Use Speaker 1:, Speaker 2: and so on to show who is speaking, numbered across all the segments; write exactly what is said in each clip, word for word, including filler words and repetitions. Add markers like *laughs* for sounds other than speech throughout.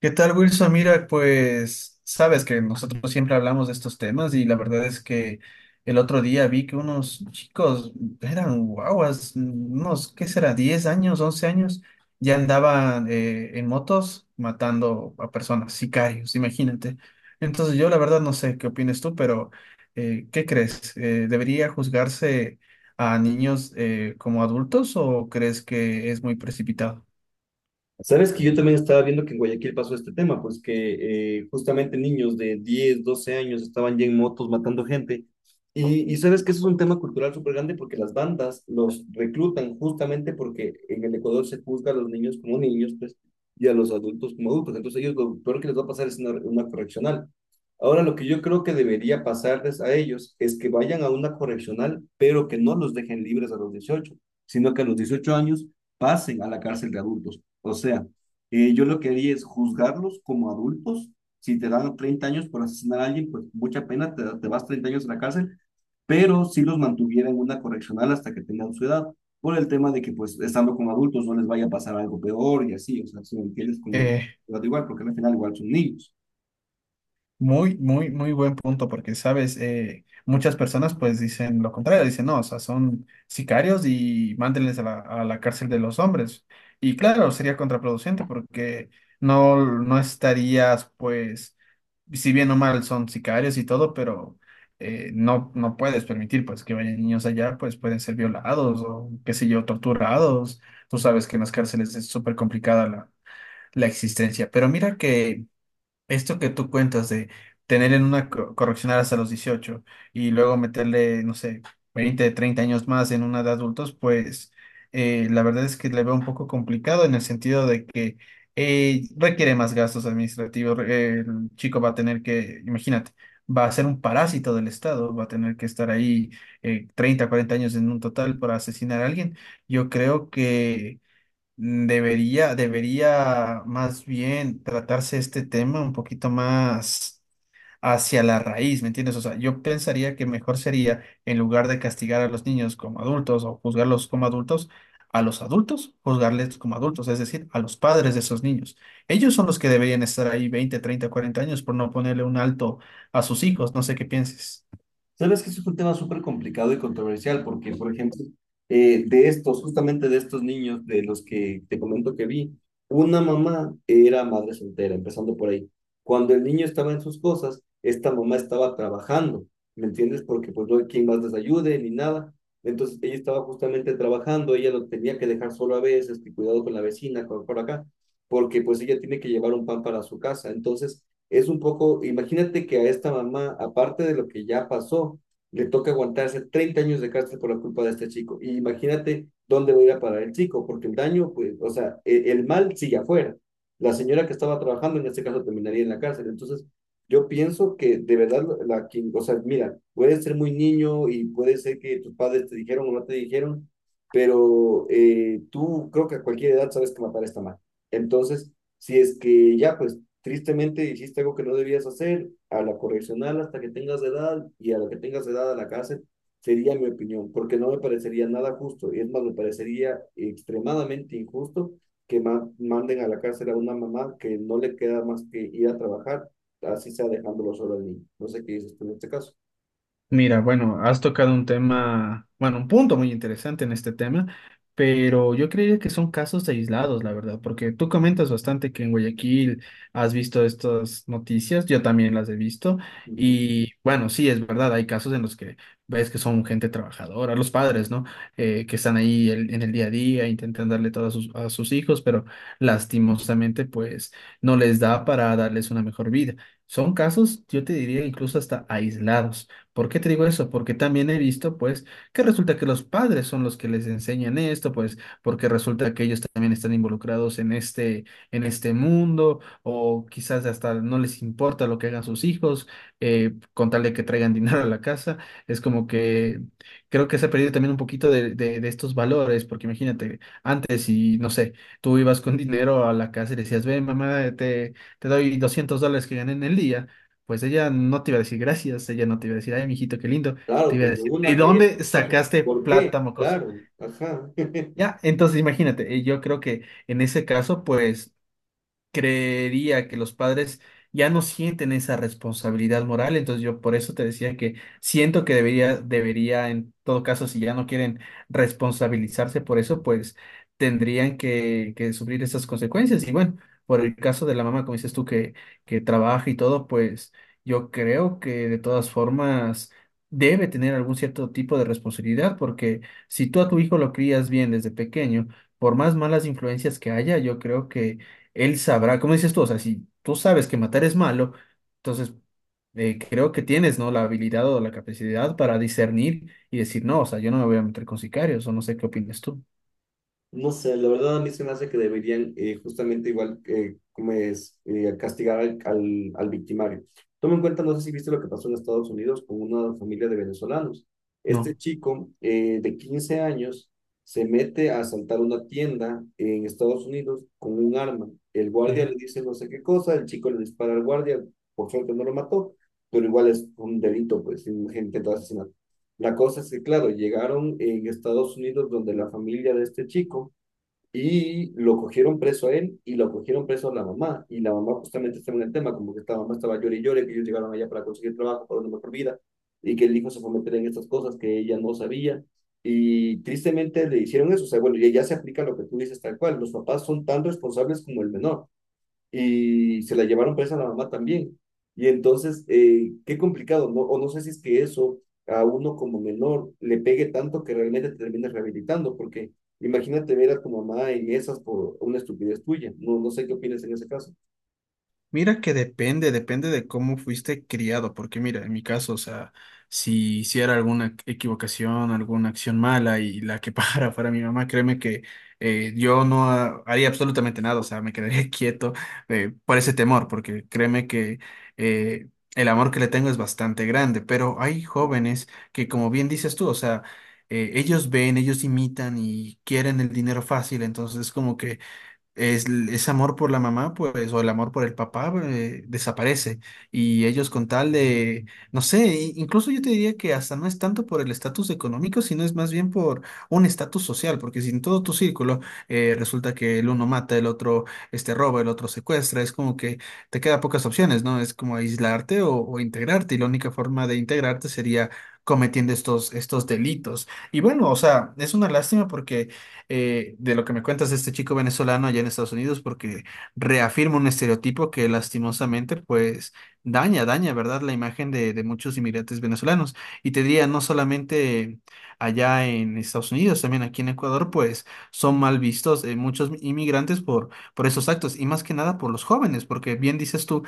Speaker 1: ¿Qué tal, Wilson? Mira, pues sabes que nosotros siempre hablamos de estos temas y la verdad es que el otro día vi que unos chicos eran guaguas, unos, ¿qué será? Diez años, once años, ya andaban eh, en motos matando a personas, sicarios, imagínate. Entonces yo la verdad no sé qué opinas tú, pero eh, ¿qué crees? Eh, ¿debería juzgarse a niños eh, como adultos o crees que es muy precipitado?
Speaker 2: Sabes que yo también estaba viendo que en Guayaquil pasó este tema, pues que eh, justamente niños de diez, doce años estaban ya en motos matando gente. Y, y sabes que eso es un tema cultural súper grande porque las bandas los reclutan justamente porque en el Ecuador se juzga a los niños como niños, pues, y a los adultos como adultos. Entonces ellos lo peor que les va a pasar es una, una correccional. Ahora lo que yo creo que debería pasarles a ellos es que vayan a una correccional, pero que no los dejen libres a los dieciocho, sino que a los dieciocho años pasen a la cárcel de adultos. O sea, eh, yo lo que haría es juzgarlos como adultos. Si te dan treinta años por asesinar a alguien, pues mucha pena, te, te vas treinta años a la cárcel, pero si los mantuviera en una correccional hasta que tengan su edad, por el tema de que pues estando como adultos no les vaya a pasar algo peor y así, o sea, si me entiendes, como igual, porque al final igual son niños.
Speaker 1: Muy, muy, muy buen punto, porque, sabes, eh, muchas personas pues dicen lo contrario, dicen, no, o sea, son sicarios y mándenles a la, a la cárcel de los hombres. Y claro, sería contraproducente porque no, no estarías pues, si bien o mal son sicarios y todo, pero eh, no, no puedes permitir pues que vayan niños allá, pues pueden ser violados o qué sé yo, torturados. Tú sabes que en las cárceles es súper complicada la, la existencia, pero mira que... Esto que tú cuentas de tener en una co- correccional hasta los dieciocho y luego meterle, no sé, veinte, treinta años más en una de adultos, pues eh, la verdad es que le veo un poco complicado en el sentido de que eh, requiere más gastos administrativos. re- El chico va a tener que, imagínate, va a ser un parásito del Estado, va a tener que estar ahí eh, treinta, cuarenta años en un total para asesinar a alguien. Yo creo que... Debería, debería más bien tratarse este tema un poquito más hacia la raíz, ¿me entiendes? O sea, yo pensaría que mejor sería, en lugar de castigar a los niños como adultos o juzgarlos como adultos, a los adultos juzgarles como adultos, es decir, a los padres de esos niños. Ellos son los que deberían estar ahí veinte, treinta, cuarenta años por no ponerle un alto a sus hijos, no sé qué pienses.
Speaker 2: Sabes que eso es un tema súper complicado y controversial porque, por ejemplo, eh, de estos, justamente de estos niños de los que te comento que vi, una mamá era madre soltera, empezando por ahí. Cuando el niño estaba en sus cosas, esta mamá estaba trabajando, ¿me entiendes? Porque pues no hay quien más les ayude ni nada. Entonces ella estaba justamente trabajando, ella lo tenía que dejar solo a veces, que cuidado con la vecina, con por acá, porque pues ella tiene que llevar un pan para su casa. Entonces es un poco, imagínate que a esta mamá, aparte de lo que ya pasó, le toca aguantarse treinta años de cárcel por la culpa de este chico. Y imagínate dónde va a ir a parar el chico, porque el daño, pues, o sea, e- el, mal sigue afuera. La señora que estaba trabajando en este caso terminaría en la cárcel. Entonces, yo pienso que de verdad, la, quien, o sea, mira, puedes ser muy niño y puede ser que tus padres te dijeron o no te dijeron, pero eh, tú creo que a cualquier edad sabes que matar está mal. Entonces, si es que ya, pues tristemente hiciste algo que no debías hacer, a la correccional hasta que tengas edad y a la que tengas edad a la cárcel, sería mi opinión, porque no me parecería nada justo, y es más, me parecería extremadamente injusto que ma- manden a la cárcel a una mamá que no le queda más que ir a trabajar, así sea dejándolo solo al niño. No sé qué dices tú en este caso.
Speaker 1: Mira, bueno, has tocado un tema, bueno, un punto muy interesante en este tema, pero yo creería que son casos aislados, la verdad, porque tú comentas bastante que en Guayaquil has visto estas noticias, yo también las he visto,
Speaker 2: Ujú.
Speaker 1: y bueno, sí, es verdad, hay casos en los que ves que son gente trabajadora, los padres, ¿no? Eh, que están ahí el- en el día a día, intentan darle todo a sus, a sus hijos, pero lastimosamente, pues, no les da para darles una mejor vida. Son casos, yo te diría, incluso hasta aislados. ¿Por qué te digo eso? Porque también he visto, pues, que resulta que los padres son los que les enseñan esto, pues, porque resulta que ellos también están involucrados en este, en este mundo, o quizás hasta no les importa lo que hagan sus hijos, eh, con tal de que traigan *laughs* dinero a la casa. Es como que creo que se ha perdido también un poquito de, de, de estos valores, porque imagínate, antes y no sé, tú ibas con dinero a la casa y decías, ven, mamá, te, te doy doscientos dólares que gané en el día, pues ella no te iba a decir gracias, ella no te iba a decir, ay, mijito, qué lindo, te
Speaker 2: Claro,
Speaker 1: iba a
Speaker 2: pues de
Speaker 1: decir, ¿de
Speaker 2: una caída en
Speaker 1: dónde
Speaker 2: el caso.
Speaker 1: sacaste
Speaker 2: ¿Por qué?
Speaker 1: plata, mocoso?
Speaker 2: Claro, ajá. *laughs*
Speaker 1: Ya, entonces imagínate, eh, yo creo que en ese caso, pues creería que los padres ya no sienten esa responsabilidad moral, entonces yo por eso te decía que siento que debería, debería, en todo caso, si ya no quieren responsabilizarse por eso, pues tendrían que, que sufrir esas consecuencias. Y bueno, por el caso de la mamá, como dices tú, que, que trabaja y todo, pues yo creo que de todas formas... debe tener algún cierto tipo de responsabilidad, porque si tú a tu hijo lo crías bien desde pequeño, por más malas influencias que haya, yo creo que él sabrá, como dices tú, o sea, si tú sabes que matar es malo, entonces eh, creo que tienes, ¿no? La habilidad o la capacidad para discernir y decir, no, o sea, yo no me voy a meter con sicarios, o no sé qué opinas tú.
Speaker 2: No sé, la verdad a mí se me hace que deberían eh, justamente igual eh, como es eh, castigar al, al, al victimario. Toma en cuenta, no sé si viste lo que pasó en Estados Unidos con una familia de venezolanos. Este
Speaker 1: No.
Speaker 2: chico eh, de quince años se mete a asaltar una tienda en Estados Unidos con un arma. El guardia
Speaker 1: Ya.
Speaker 2: le dice no sé qué cosa, el chico le dispara al guardia, por suerte no lo mató, pero igual es un delito, pues, un intento de asesinato. La cosa es que, claro, llegaron en Estados Unidos donde la familia de este chico y lo cogieron preso a él y lo cogieron preso a la mamá. Y la mamá justamente estaba en el tema, como que esta mamá estaba llorando y llorando, que ellos llegaron allá para conseguir trabajo, para una mejor vida, y que el hijo se fue a meter en estas cosas que ella no sabía. Y tristemente le hicieron eso. O sea, bueno, ya, ya se aplica lo que tú dices tal cual. Los papás son tan responsables como el menor y se la llevaron presa a la mamá también. Y entonces, eh, qué complicado, ¿no? O no sé si es que eso a uno como menor le pegue tanto que realmente te termines rehabilitando, porque imagínate ver a tu mamá en esas por una estupidez tuya. No, no sé qué opinas en ese caso.
Speaker 1: Mira que depende, depende de cómo fuiste criado, porque mira, en mi caso, o sea, si hiciera alguna equivocación, alguna acción mala y la que *laughs* para fuera mi mamá, créeme que eh, yo no ha- haría absolutamente nada, o sea, me quedaría *laughs* quieto eh, por ese temor, porque créeme que eh, el amor que le tengo es bastante grande, pero hay jóvenes que, como bien dices tú, o sea, eh, ellos ven, ellos imitan y quieren el dinero fácil, entonces como que es, ese amor por la mamá, pues, o el amor por el papá, eh, desaparece. Y ellos con tal de, no sé, i- incluso yo te diría que hasta no es tanto por el estatus económico, sino es más bien por un estatus social, porque si en todo tu círculo eh, resulta que el uno mata, el otro este, roba, el otro secuestra, es como que te queda pocas opciones, ¿no? Es como aislarte o, o integrarte, y la única forma de integrarte sería cometiendo estos, estos delitos. Y bueno, o sea, es una lástima porque eh, de lo que me cuentas de este chico venezolano allá en Estados Unidos, porque reafirma un estereotipo que lastimosamente pues daña, daña, ¿verdad? La imagen de, de muchos inmigrantes venezolanos. Y te diría, no solamente allá en Estados Unidos, también aquí en Ecuador, pues son mal vistos eh, muchos inmigrantes por, por esos actos, y más que nada por los jóvenes, porque bien dices tú,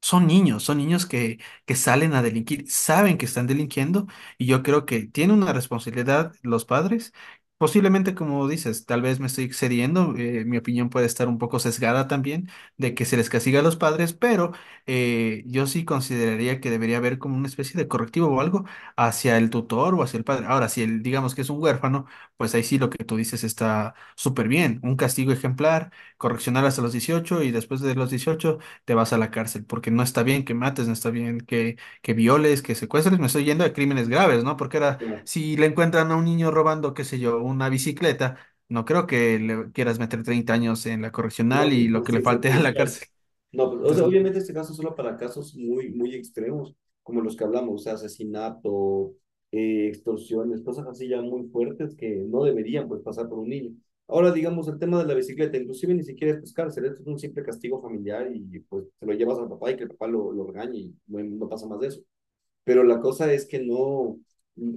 Speaker 1: son niños, son niños que, que salen a delinquir, saben que están delinquiendo y yo creo que tiene una responsabilidad los padres. Posiblemente, como dices, tal vez me estoy excediendo, eh, mi opinión puede estar un poco sesgada también de que se les castiga a los padres, pero eh, yo sí consideraría que debería haber como una especie de correctivo o algo hacia el tutor o hacia el padre. Ahora, si él, digamos que es un huérfano, pues ahí sí lo que tú dices está súper bien, un castigo ejemplar, correccionar hasta los dieciocho y después de los dieciocho te vas a la cárcel, porque no está bien que mates, no está bien que, que violes, que secuestres, me estoy yendo a crímenes graves, ¿no? Porque ahora,
Speaker 2: Claro,
Speaker 1: si le encuentran a un niño robando, qué sé yo, una bicicleta, no creo que le quieras meter treinta años en la
Speaker 2: no,
Speaker 1: correccional y lo
Speaker 2: no,
Speaker 1: que le
Speaker 2: sí, sí, sí,
Speaker 1: falte *laughs* a la
Speaker 2: claro.
Speaker 1: cárcel.
Speaker 2: No, pues, o sea,
Speaker 1: Entonces,
Speaker 2: obviamente este caso es solo para casos muy, muy extremos, como los que hablamos, o sea, asesinato, eh, extorsiones, cosas así ya muy fuertes que no deberían pues pasar por un niño. Ahora, digamos, el tema de la bicicleta, inclusive ni siquiera es pues, cárcel, esto es un simple castigo familiar y pues te lo llevas al papá y que el papá lo, lo regañe y no, no pasa más de eso pero la cosa es que no,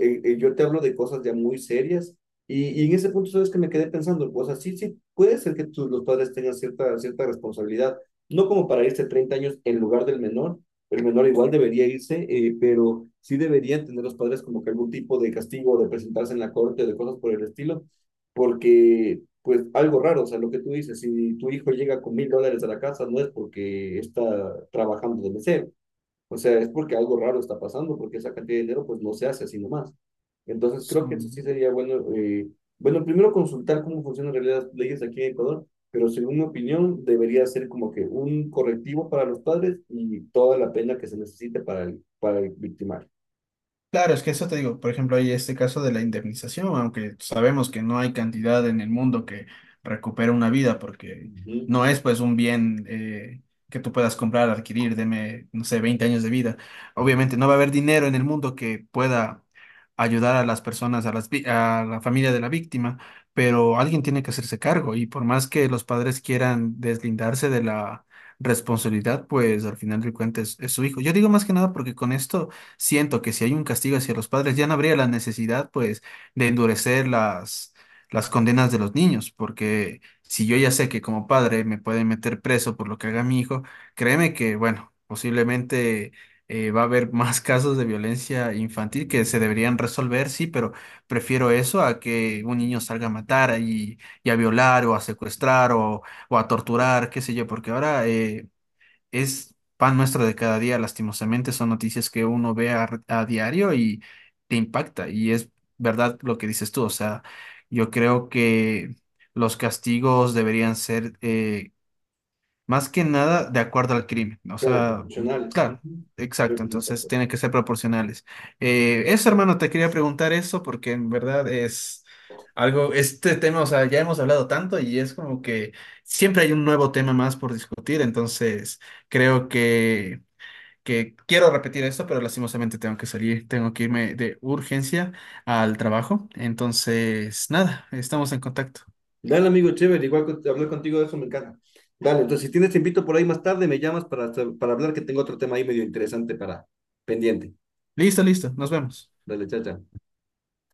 Speaker 2: eh, eh, yo te hablo de cosas ya muy serias y, y en ese punto sabes que me quedé pensando, o sea, sí, sí, puede ser que tus, los padres tengan cierta, cierta responsabilidad, no como para irse treinta años en lugar del menor, el menor igual debería irse, eh, pero sí deberían tener los padres como que algún tipo de castigo, de presentarse en la corte, de cosas por el estilo, porque pues algo raro, o sea, lo que tú dices, si tu hijo llega con mil dólares a la casa, no es porque está trabajando de mesero, o sea, es porque algo raro está pasando, porque esa cantidad de dinero pues no se hace así nomás. Entonces creo que eso
Speaker 1: son
Speaker 2: sí sería bueno, eh, bueno, primero consultar cómo funcionan en realidad las leyes aquí en Ecuador, pero según mi opinión debería ser como que un correctivo para los padres y toda la pena que se necesite para el, para el victimario.
Speaker 1: Claro, es que eso te digo, por ejemplo, hay este caso de la indemnización, aunque sabemos que no hay cantidad en el mundo que recupere una vida, porque
Speaker 2: Ujú.
Speaker 1: no es pues un bien eh, que tú puedas comprar, adquirir, deme, no sé, veinte años de vida. Obviamente no va a haber dinero en el mundo que pueda ayudar a las personas, a las, vi- a la familia de la víctima, pero alguien tiene que hacerse cargo y por más que los padres quieran deslindarse de la responsabilidad, pues al final del cuentas es es su hijo. Yo digo más que nada porque con esto siento que si hay un castigo hacia los padres, ya no habría la necesidad, pues, de endurecer las, las condenas de los niños, porque si yo ya sé que como padre me pueden meter preso por lo que haga mi hijo, créeme que, bueno, posiblemente eh, va a haber *laughs* más casos de violencia infantil que se deberían resolver, sí, pero prefiero eso a que un niño salga a matar y, y a violar o a secuestrar o, o a torturar, qué sé yo, porque ahora... eh, es pan nuestro de cada día, lastimosamente, son noticias que uno ve a, a diario y te impacta. Y es verdad lo que dices tú, o sea, yo creo que los castigos deberían ser... eh, más que nada de acuerdo al crimen. O
Speaker 2: Claro,
Speaker 1: sea,
Speaker 2: profesionales.
Speaker 1: claro,
Speaker 2: Ujú. Creo
Speaker 1: exacto.
Speaker 2: que me
Speaker 1: Entonces
Speaker 2: encanta.
Speaker 1: tienen que ser proporcionales. Eh, eso, hermano, te quería preguntar eso porque en verdad es algo, este tema, o sea, ya hemos hablado tanto y es como que siempre hay un nuevo tema más por discutir. Entonces creo que, que quiero repetir esto, pero lastimosamente tengo que salir, tengo que irme de urgencia al trabajo. Entonces, nada, estamos en contacto.
Speaker 2: Dale, amigo, chévere, igual con- hablar contigo de eso me encanta. Dale, entonces si tienes te invito por ahí más tarde, me llamas para, para hablar que tengo otro tema ahí medio interesante para pendiente.
Speaker 1: Listo, listo, nos vemos.
Speaker 2: Dale, chacha